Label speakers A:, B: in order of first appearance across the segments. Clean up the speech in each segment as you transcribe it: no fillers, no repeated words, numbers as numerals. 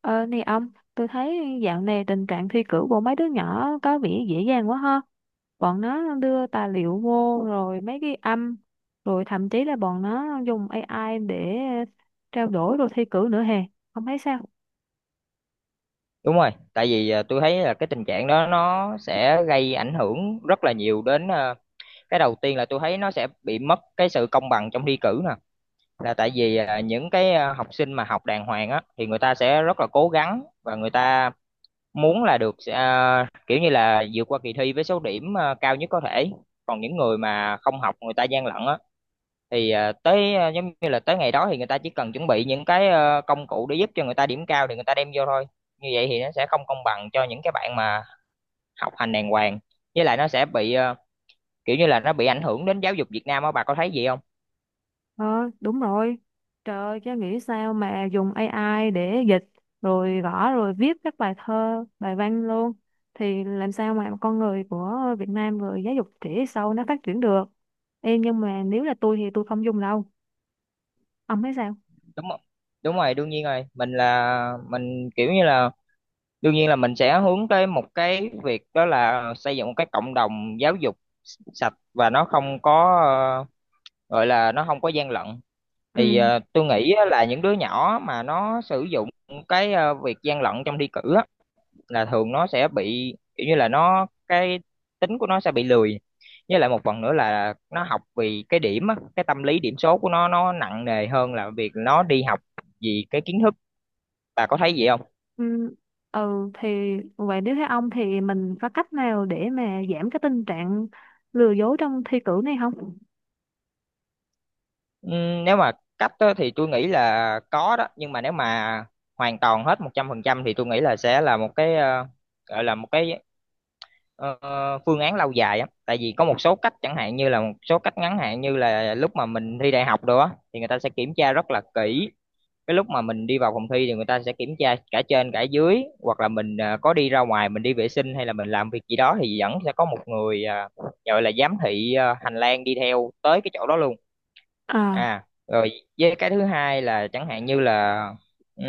A: Ờ, nè ông, tôi thấy dạo này tình trạng thi cử của mấy đứa nhỏ có vẻ dễ dàng quá ha. Bọn nó đưa tài liệu vô rồi mấy cái âm, rồi thậm chí là bọn nó dùng AI để trao đổi rồi thi cử nữa hè. Ông thấy sao?
B: Đúng rồi, tại vì tôi thấy là cái tình trạng đó nó sẽ gây ảnh hưởng rất là nhiều đến cái đầu tiên là tôi thấy nó sẽ bị mất cái sự công bằng trong thi cử nè, là tại vì những cái học sinh mà học đàng hoàng á thì người ta sẽ rất là cố gắng và người ta muốn là được kiểu như là vượt qua kỳ thi với số điểm cao nhất có thể. Còn những người mà không học người ta gian lận á thì tới giống như là tới ngày đó thì người ta chỉ cần chuẩn bị những cái công cụ để giúp cho người ta điểm cao thì người ta đem vô thôi, như vậy thì nó sẽ không công bằng cho những cái bạn mà học hành đàng hoàng. Với lại nó sẽ bị kiểu như là nó bị ảnh hưởng đến giáo dục Việt Nam á, bà có thấy gì không?
A: Ờ, đúng rồi. Trời ơi, chứ nghĩ sao mà dùng AI để dịch rồi gõ rồi viết các bài thơ, bài văn luôn. Thì làm sao mà con người của Việt Nam rồi giáo dục trẻ sau nó phát triển được. Ê, nhưng mà nếu là tôi thì tôi không dùng đâu. Ông thấy sao?
B: Đúng không? Đúng rồi, đương nhiên rồi, mình là mình kiểu như là đương nhiên là mình sẽ hướng tới một cái việc đó là xây dựng một cái cộng đồng giáo dục sạch và nó không có, ờ, gọi là nó không có gian lận.
A: Ừ.
B: Thì tôi nghĩ á là những đứa nhỏ mà nó sử dụng cái việc gian lận trong thi cử á, là thường nó sẽ bị kiểu như là nó cái tính của nó sẽ bị lười, với lại một phần nữa là nó học vì cái điểm á, cái tâm lý điểm số của nó nặng nề hơn là việc nó đi học vì cái kiến thức. Bà có thấy vậy không?
A: ừ, ừ thì vậy nếu theo ông thì mình có cách nào để mà giảm cái tình trạng lừa dối trong thi cử này không?
B: Nếu mà cách á, thì tôi nghĩ là có đó, nhưng mà nếu mà hoàn toàn hết một trăm phần trăm thì tôi nghĩ là sẽ là một cái gọi là một cái, ờ, phương án lâu dài á, tại vì có một số cách, chẳng hạn như là một số cách ngắn hạn như là lúc mà mình thi đại học đồ á thì người ta sẽ kiểm tra rất là kỹ cái lúc mà mình đi vào phòng thi, thì người ta sẽ kiểm tra cả trên cả dưới, hoặc là mình có đi ra ngoài mình đi vệ sinh hay là mình làm việc gì đó thì vẫn sẽ có một người gọi là giám thị hành lang đi theo tới cái chỗ đó luôn.
A: à
B: À rồi, với cái thứ hai là chẳng hạn như là, ừm,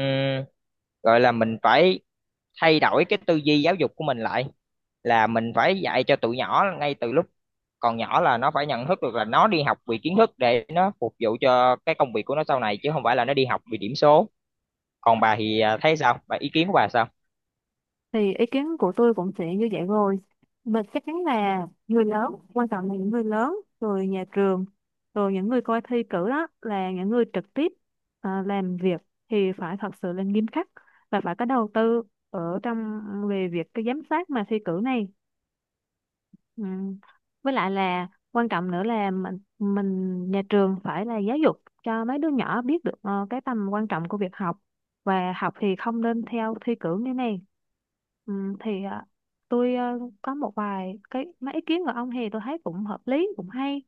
B: gọi là mình phải thay đổi cái tư duy giáo dục của mình lại, là mình phải dạy cho tụi nhỏ ngay từ lúc còn nhỏ là nó phải nhận thức được là nó đi học vì kiến thức để nó phục vụ cho cái công việc của nó sau này, chứ không phải là nó đi học vì điểm số. Còn bà thì thấy sao, bà ý kiến của bà sao?
A: thì ý kiến của tôi cũng sẽ như vậy rồi. Mình chắc chắn là người lớn, quan trọng là những người lớn, rồi nhà trường, rồi những người coi thi cử đó là những người trực tiếp làm việc thì phải thật sự là nghiêm khắc và phải có đầu tư ở trong về việc cái giám sát mà thi cử này. Ừ. Với lại là quan trọng nữa là mình nhà trường phải là giáo dục cho mấy đứa nhỏ biết được cái tầm quan trọng của việc học và học thì không nên theo thi cử như này. Ừ, thì ờ, tôi ờ, có một vài cái mấy ý kiến của ông thì tôi thấy cũng hợp lý cũng hay.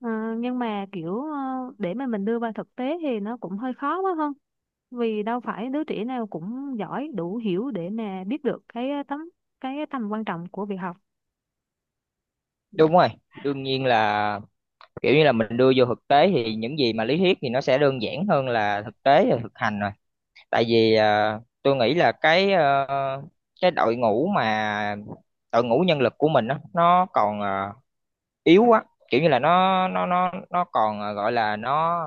A: Ờ, nhưng mà kiểu để mà mình đưa vào thực tế thì nó cũng hơi khó quá không? Vì đâu phải đứa trẻ nào cũng giỏi đủ hiểu để mà biết được cái ờ, tấm cái tầm quan trọng của việc học. Ừ.
B: Đúng rồi, đương nhiên là kiểu như là mình đưa vô thực tế thì những gì mà lý thuyết thì nó sẽ đơn giản hơn là thực tế và thực hành rồi. Tại vì tôi nghĩ là cái cái đội ngũ mà đội ngũ nhân lực của mình á nó còn yếu quá, kiểu như là nó còn gọi là nó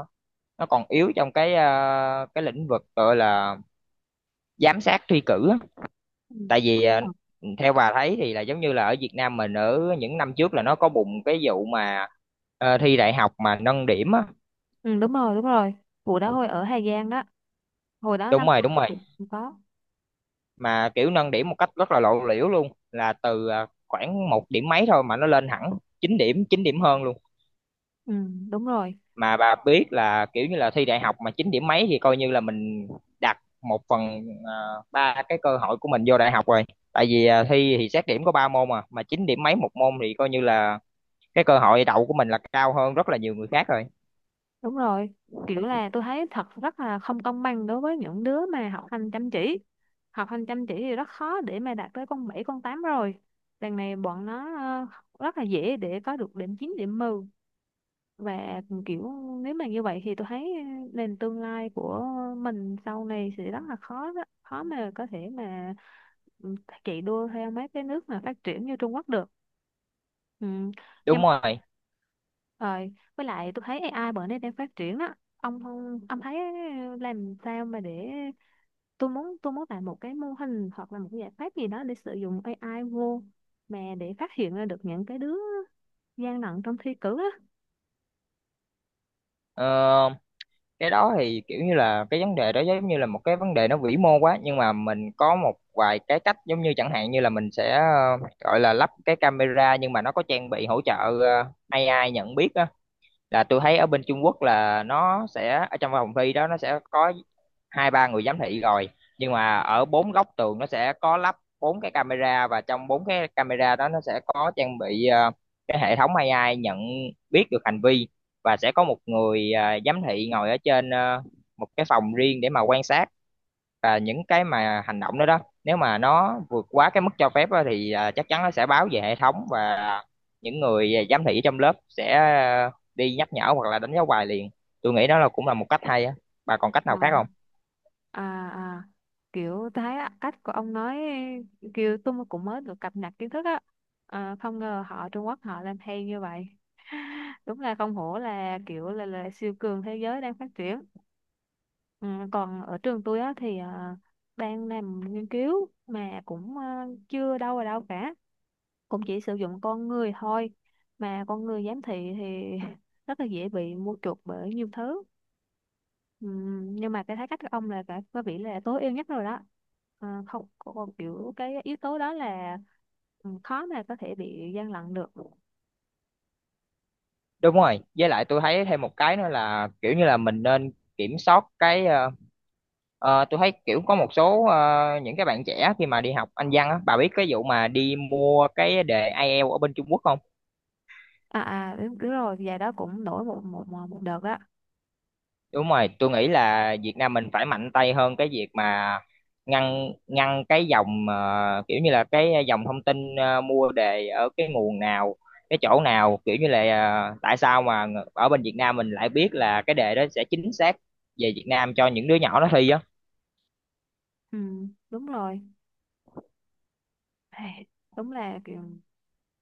B: nó còn yếu trong cái cái lĩnh vực gọi là giám sát thi cử á. Tại vì
A: Ờ.
B: theo bà thấy thì là giống như là ở Việt Nam mình, ở những năm trước là nó có bùng cái vụ mà thi đại học mà nâng điểm á.
A: Ừ, đúng rồi, đúng rồi, vụ đó hồi ở Hà Giang đó, hồi đó
B: Đúng
A: năm
B: rồi,
A: tôi
B: đúng rồi,
A: cũng có.
B: mà kiểu nâng điểm một cách rất là lộ liễu luôn, là từ khoảng một điểm mấy thôi mà nó lên hẳn 9 điểm, 9 điểm hơn luôn.
A: Ừ, đúng rồi
B: Mà bà biết là kiểu như là thi đại học mà chín điểm mấy thì coi như là mình đặt một phần ba cái cơ hội của mình vô đại học rồi. Tại vì thi thì xét điểm có ba môn, mà chín điểm mấy một môn thì coi như là cái cơ hội đậu của mình là cao hơn rất là nhiều người khác rồi.
A: đúng rồi kiểu là tôi thấy thật rất là không công bằng đối với những đứa mà học hành chăm chỉ. Học hành chăm chỉ thì rất khó để mà đạt tới con 7 con 8 rồi, đằng này bọn nó rất là dễ để có được điểm 9 điểm mười. Và kiểu, nếu mà như vậy thì tôi thấy nền tương lai của mình sau này sẽ rất là khó đó. Khó mà có thể mà, ừ, chạy đua theo mấy cái nước mà phát triển như Trung Quốc được. Ừ.
B: Đúng
A: Nhưng
B: rồi.
A: rồi, với lại tôi thấy AI bữa nay đang phát triển đó. Ông không, ông thấy làm sao mà để, tôi muốn làm một cái mô hình hoặc là một cái giải pháp gì đó để sử dụng AI vô mà để phát hiện ra được những cái đứa gian lận trong thi cử á.
B: Ờ, cái đó thì kiểu như là cái vấn đề đó giống như là một cái vấn đề nó vĩ mô quá, nhưng mà mình có một vài cái cách, giống như chẳng hạn như là mình sẽ gọi là lắp cái camera nhưng mà nó có trang bị hỗ trợ AI nhận biết á. Là tôi thấy ở bên Trung Quốc là nó sẽ ở trong phòng thi đó, nó sẽ có hai ba người giám thị rồi, nhưng mà ở bốn góc tường nó sẽ có lắp bốn cái camera, và trong bốn cái camera đó nó sẽ có trang bị cái hệ thống AI nhận biết được hành vi, và sẽ có một người giám thị ngồi ở trên một cái phòng riêng để mà quan sát. Và những cái mà hành động đó đó, nếu mà nó vượt quá cái mức cho phép á, thì chắc chắn nó sẽ báo về hệ thống, và những người giám thị trong lớp sẽ đi nhắc nhở hoặc là đánh dấu bài liền. Tôi nghĩ đó là cũng là một cách hay á. Bà còn cách
A: à
B: nào khác không?
A: à à, kiểu thấy á, cách của ông nói, kiểu tôi cũng mới được cập nhật kiến thức á. Không ngờ họ Trung Quốc họ làm hay như vậy. Đúng là không hổ là là siêu cường thế giới đang phát triển. Ừ, còn ở trường tôi á thì đang làm nghiên cứu mà cũng chưa đâu vào đâu cả, cũng chỉ sử dụng con người thôi, mà con người giám thị thì rất là dễ bị mua chuộc bởi nhiều thứ. Ừ, nhưng mà cái thái cách của ông là phải có vẻ là tối ưu nhất rồi đó. Không còn kiểu cái yếu tố đó là, ừ, khó mà có thể bị gian lận được.
B: Đúng rồi, với lại tôi thấy thêm một cái nữa là kiểu như là mình nên kiểm soát cái tôi thấy kiểu có một số những cái bạn trẻ khi mà đi học Anh văn á, bà biết cái vụ mà đi mua cái đề IELTS ở bên Trung Quốc không?
A: À, à đúng, đúng rồi, và đó cũng nổi một một một một đợt đó.
B: Đúng rồi, tôi nghĩ là Việt Nam mình phải mạnh tay hơn cái việc mà ngăn ngăn cái dòng kiểu như là cái dòng thông tin mua đề ở cái nguồn nào, cái chỗ nào, kiểu như là tại sao mà ở bên Việt Nam mình lại biết là cái đề đó sẽ chính xác về Việt Nam cho những đứa nhỏ nó thi á.
A: Ừ, đúng rồi. Ai, đúng là kiểu,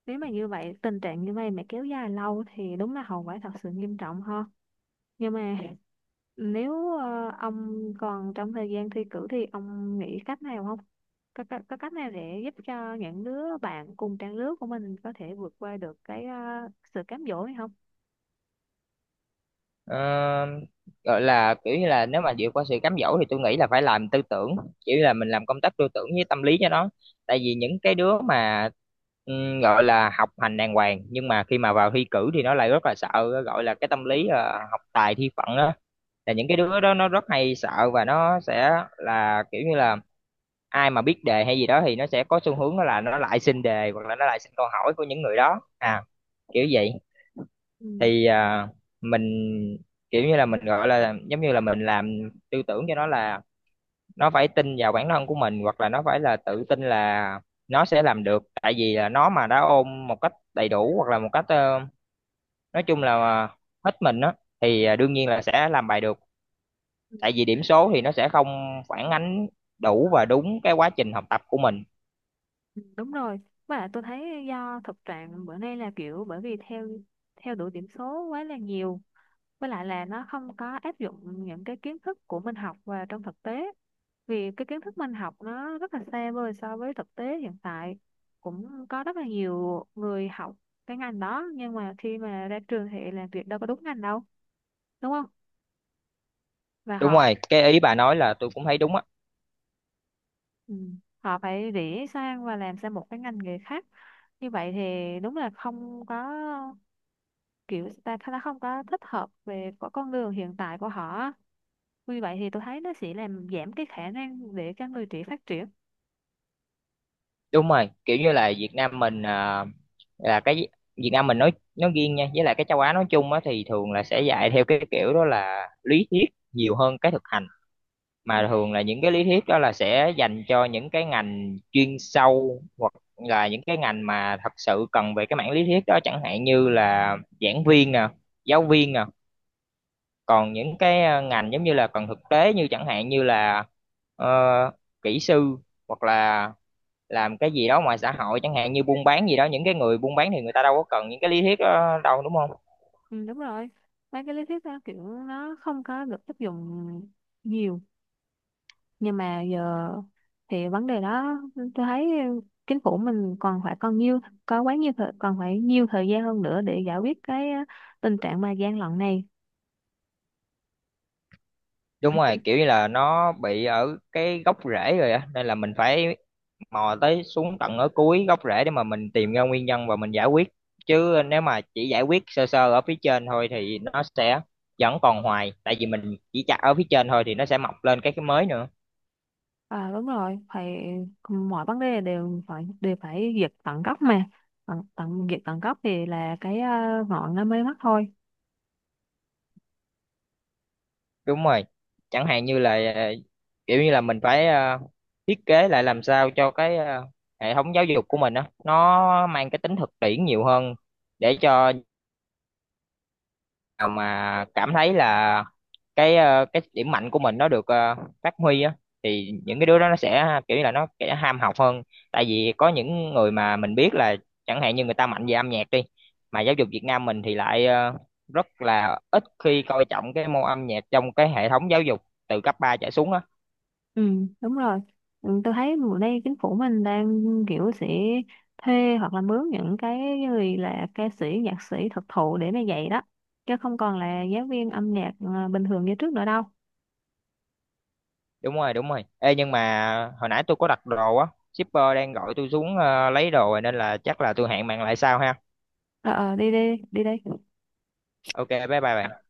A: nếu mà như vậy tình trạng như vậy mà kéo dài lâu thì đúng là hậu quả thật sự nghiêm trọng ha. Nhưng mà, nếu ông còn trong thời gian thi cử thì ông nghĩ cách nào không? Có cách nào để giúp cho những đứa bạn cùng trang lứa của mình có thể vượt qua được sự cám dỗ này không?
B: Ờ, gọi là kiểu như là nếu mà vượt qua sự cám dỗ thì tôi nghĩ là phải làm tư tưởng, chỉ là mình làm công tác tư tưởng với tâm lý cho nó. Tại vì những cái đứa mà, gọi là học hành đàng hoàng, nhưng mà khi mà vào thi cử thì nó lại rất là sợ, gọi là cái tâm lý học tài thi phận á, là những cái đứa đó nó rất hay sợ và nó sẽ là kiểu như là ai mà biết đề hay gì đó thì nó sẽ có xu hướng đó là nó lại xin đề hoặc là nó lại xin câu hỏi của những người đó, à, kiểu vậy.
A: Ừ.
B: Thì mình kiểu như là mình gọi là giống như là mình làm tư tưởng cho nó là nó phải tin vào bản thân của mình hoặc là nó phải là tự tin là nó sẽ làm được. Tại vì là nó mà đã ôm một cách đầy đủ hoặc là một cách nói chung là hết mình á, thì đương nhiên là sẽ làm bài được.
A: ừ,
B: Tại vì điểm số thì nó sẽ không phản ánh đủ và đúng cái quá trình học tập của mình.
A: ừ, Đúng rồi. Với lại tôi thấy do thực trạng bữa nay là kiểu bởi vì theo theo đuổi điểm số quá là nhiều. Với lại là nó không có áp dụng những cái kiến thức của mình học vào trong thực tế. Vì cái kiến thức mình học nó rất là xa vời so với thực tế hiện tại, cũng có rất là nhiều người học cái ngành đó nhưng mà khi mà ra trường thì làm việc đâu có đúng ngành đâu, đúng không? Và
B: Đúng
A: họ,
B: rồi, cái ý bà nói là tôi cũng thấy đúng á.
A: ừ, họ phải rẽ sang và làm sang một cái ngành nghề khác. Như vậy thì đúng là không có, kiểu ta ta không có thích hợp về có con đường hiện tại của họ. Vì vậy thì tôi thấy nó sẽ làm giảm cái khả năng để cho người trẻ phát triển.
B: Đúng rồi, kiểu như là Việt Nam mình là cái Việt Nam mình nói riêng nha, với lại cái châu Á nói chung á, thì thường là sẽ dạy theo cái kiểu đó là lý thuyết nhiều hơn cái thực hành. Mà thường là những cái lý thuyết đó là sẽ dành cho những cái ngành chuyên sâu hoặc là những cái ngành mà thật sự cần về cái mảng lý thuyết đó, chẳng hạn như là giảng viên nè, giáo viên nè. Còn những cái ngành giống như là cần thực tế, như chẳng hạn như là ờ, kỹ sư, hoặc là làm cái gì đó ngoài xã hội, chẳng hạn như buôn bán gì đó, những cái người buôn bán thì người ta đâu có cần những cái lý thuyết đó đâu, đúng không?
A: Ừ, đúng rồi, mấy cái lý thuyết đó kiểu nó không có được áp dụng nhiều. Nhưng mà giờ thì vấn đề đó tôi thấy chính phủ mình còn phải còn nhiều có quá nhiều thời, còn phải nhiều thời gian hơn nữa để giải quyết cái tình trạng mà gian lận này.
B: Đúng rồi, kiểu như là nó bị ở cái gốc rễ rồi á, nên là mình phải mò tới xuống tận ở cuối gốc rễ để mà mình tìm ra nguyên nhân và mình giải quyết. Chứ nếu mà chỉ giải quyết sơ sơ ở phía trên thôi thì nó sẽ vẫn còn hoài, tại vì mình chỉ chặt ở phía trên thôi thì nó sẽ mọc lên cái mới nữa.
A: À đúng rồi, phải, mọi vấn đề đều phải diệt tận gốc mà. Tận, tận Diệt tận gốc thì là cái ngọn nó mới mất thôi.
B: Đúng rồi, chẳng hạn như là kiểu như là mình phải thiết kế lại làm sao cho cái hệ thống giáo dục của mình á nó mang cái tính thực tiễn nhiều hơn, để cho nào mà cảm thấy là cái cái điểm mạnh của mình nó được phát huy á, thì những cái đứa đó nó sẽ kiểu như là nó sẽ ham học hơn. Tại vì có những người mà mình biết là chẳng hạn như người ta mạnh về âm nhạc đi, mà giáo dục Việt Nam mình thì lại rất là ít khi coi trọng cái môn âm nhạc trong cái hệ thống giáo dục từ cấp 3 trở xuống á.
A: Ừ, đúng rồi. Ừ, tôi thấy mùa nay chính phủ mình đang kiểu sẽ thuê hoặc là mướn những cái người là ca sĩ, nhạc sĩ thực thụ để mà dạy đó. Chứ không còn là giáo viên âm nhạc bình thường như trước nữa đâu.
B: Đúng rồi, đúng rồi, ê nhưng mà hồi nãy tôi có đặt đồ á, shipper đang gọi tôi xuống lấy đồ rồi, nên là chắc là tôi hẹn bạn lại sau ha.
A: Ờ, đi đi, đi đi.
B: Ok, bye bye bạn.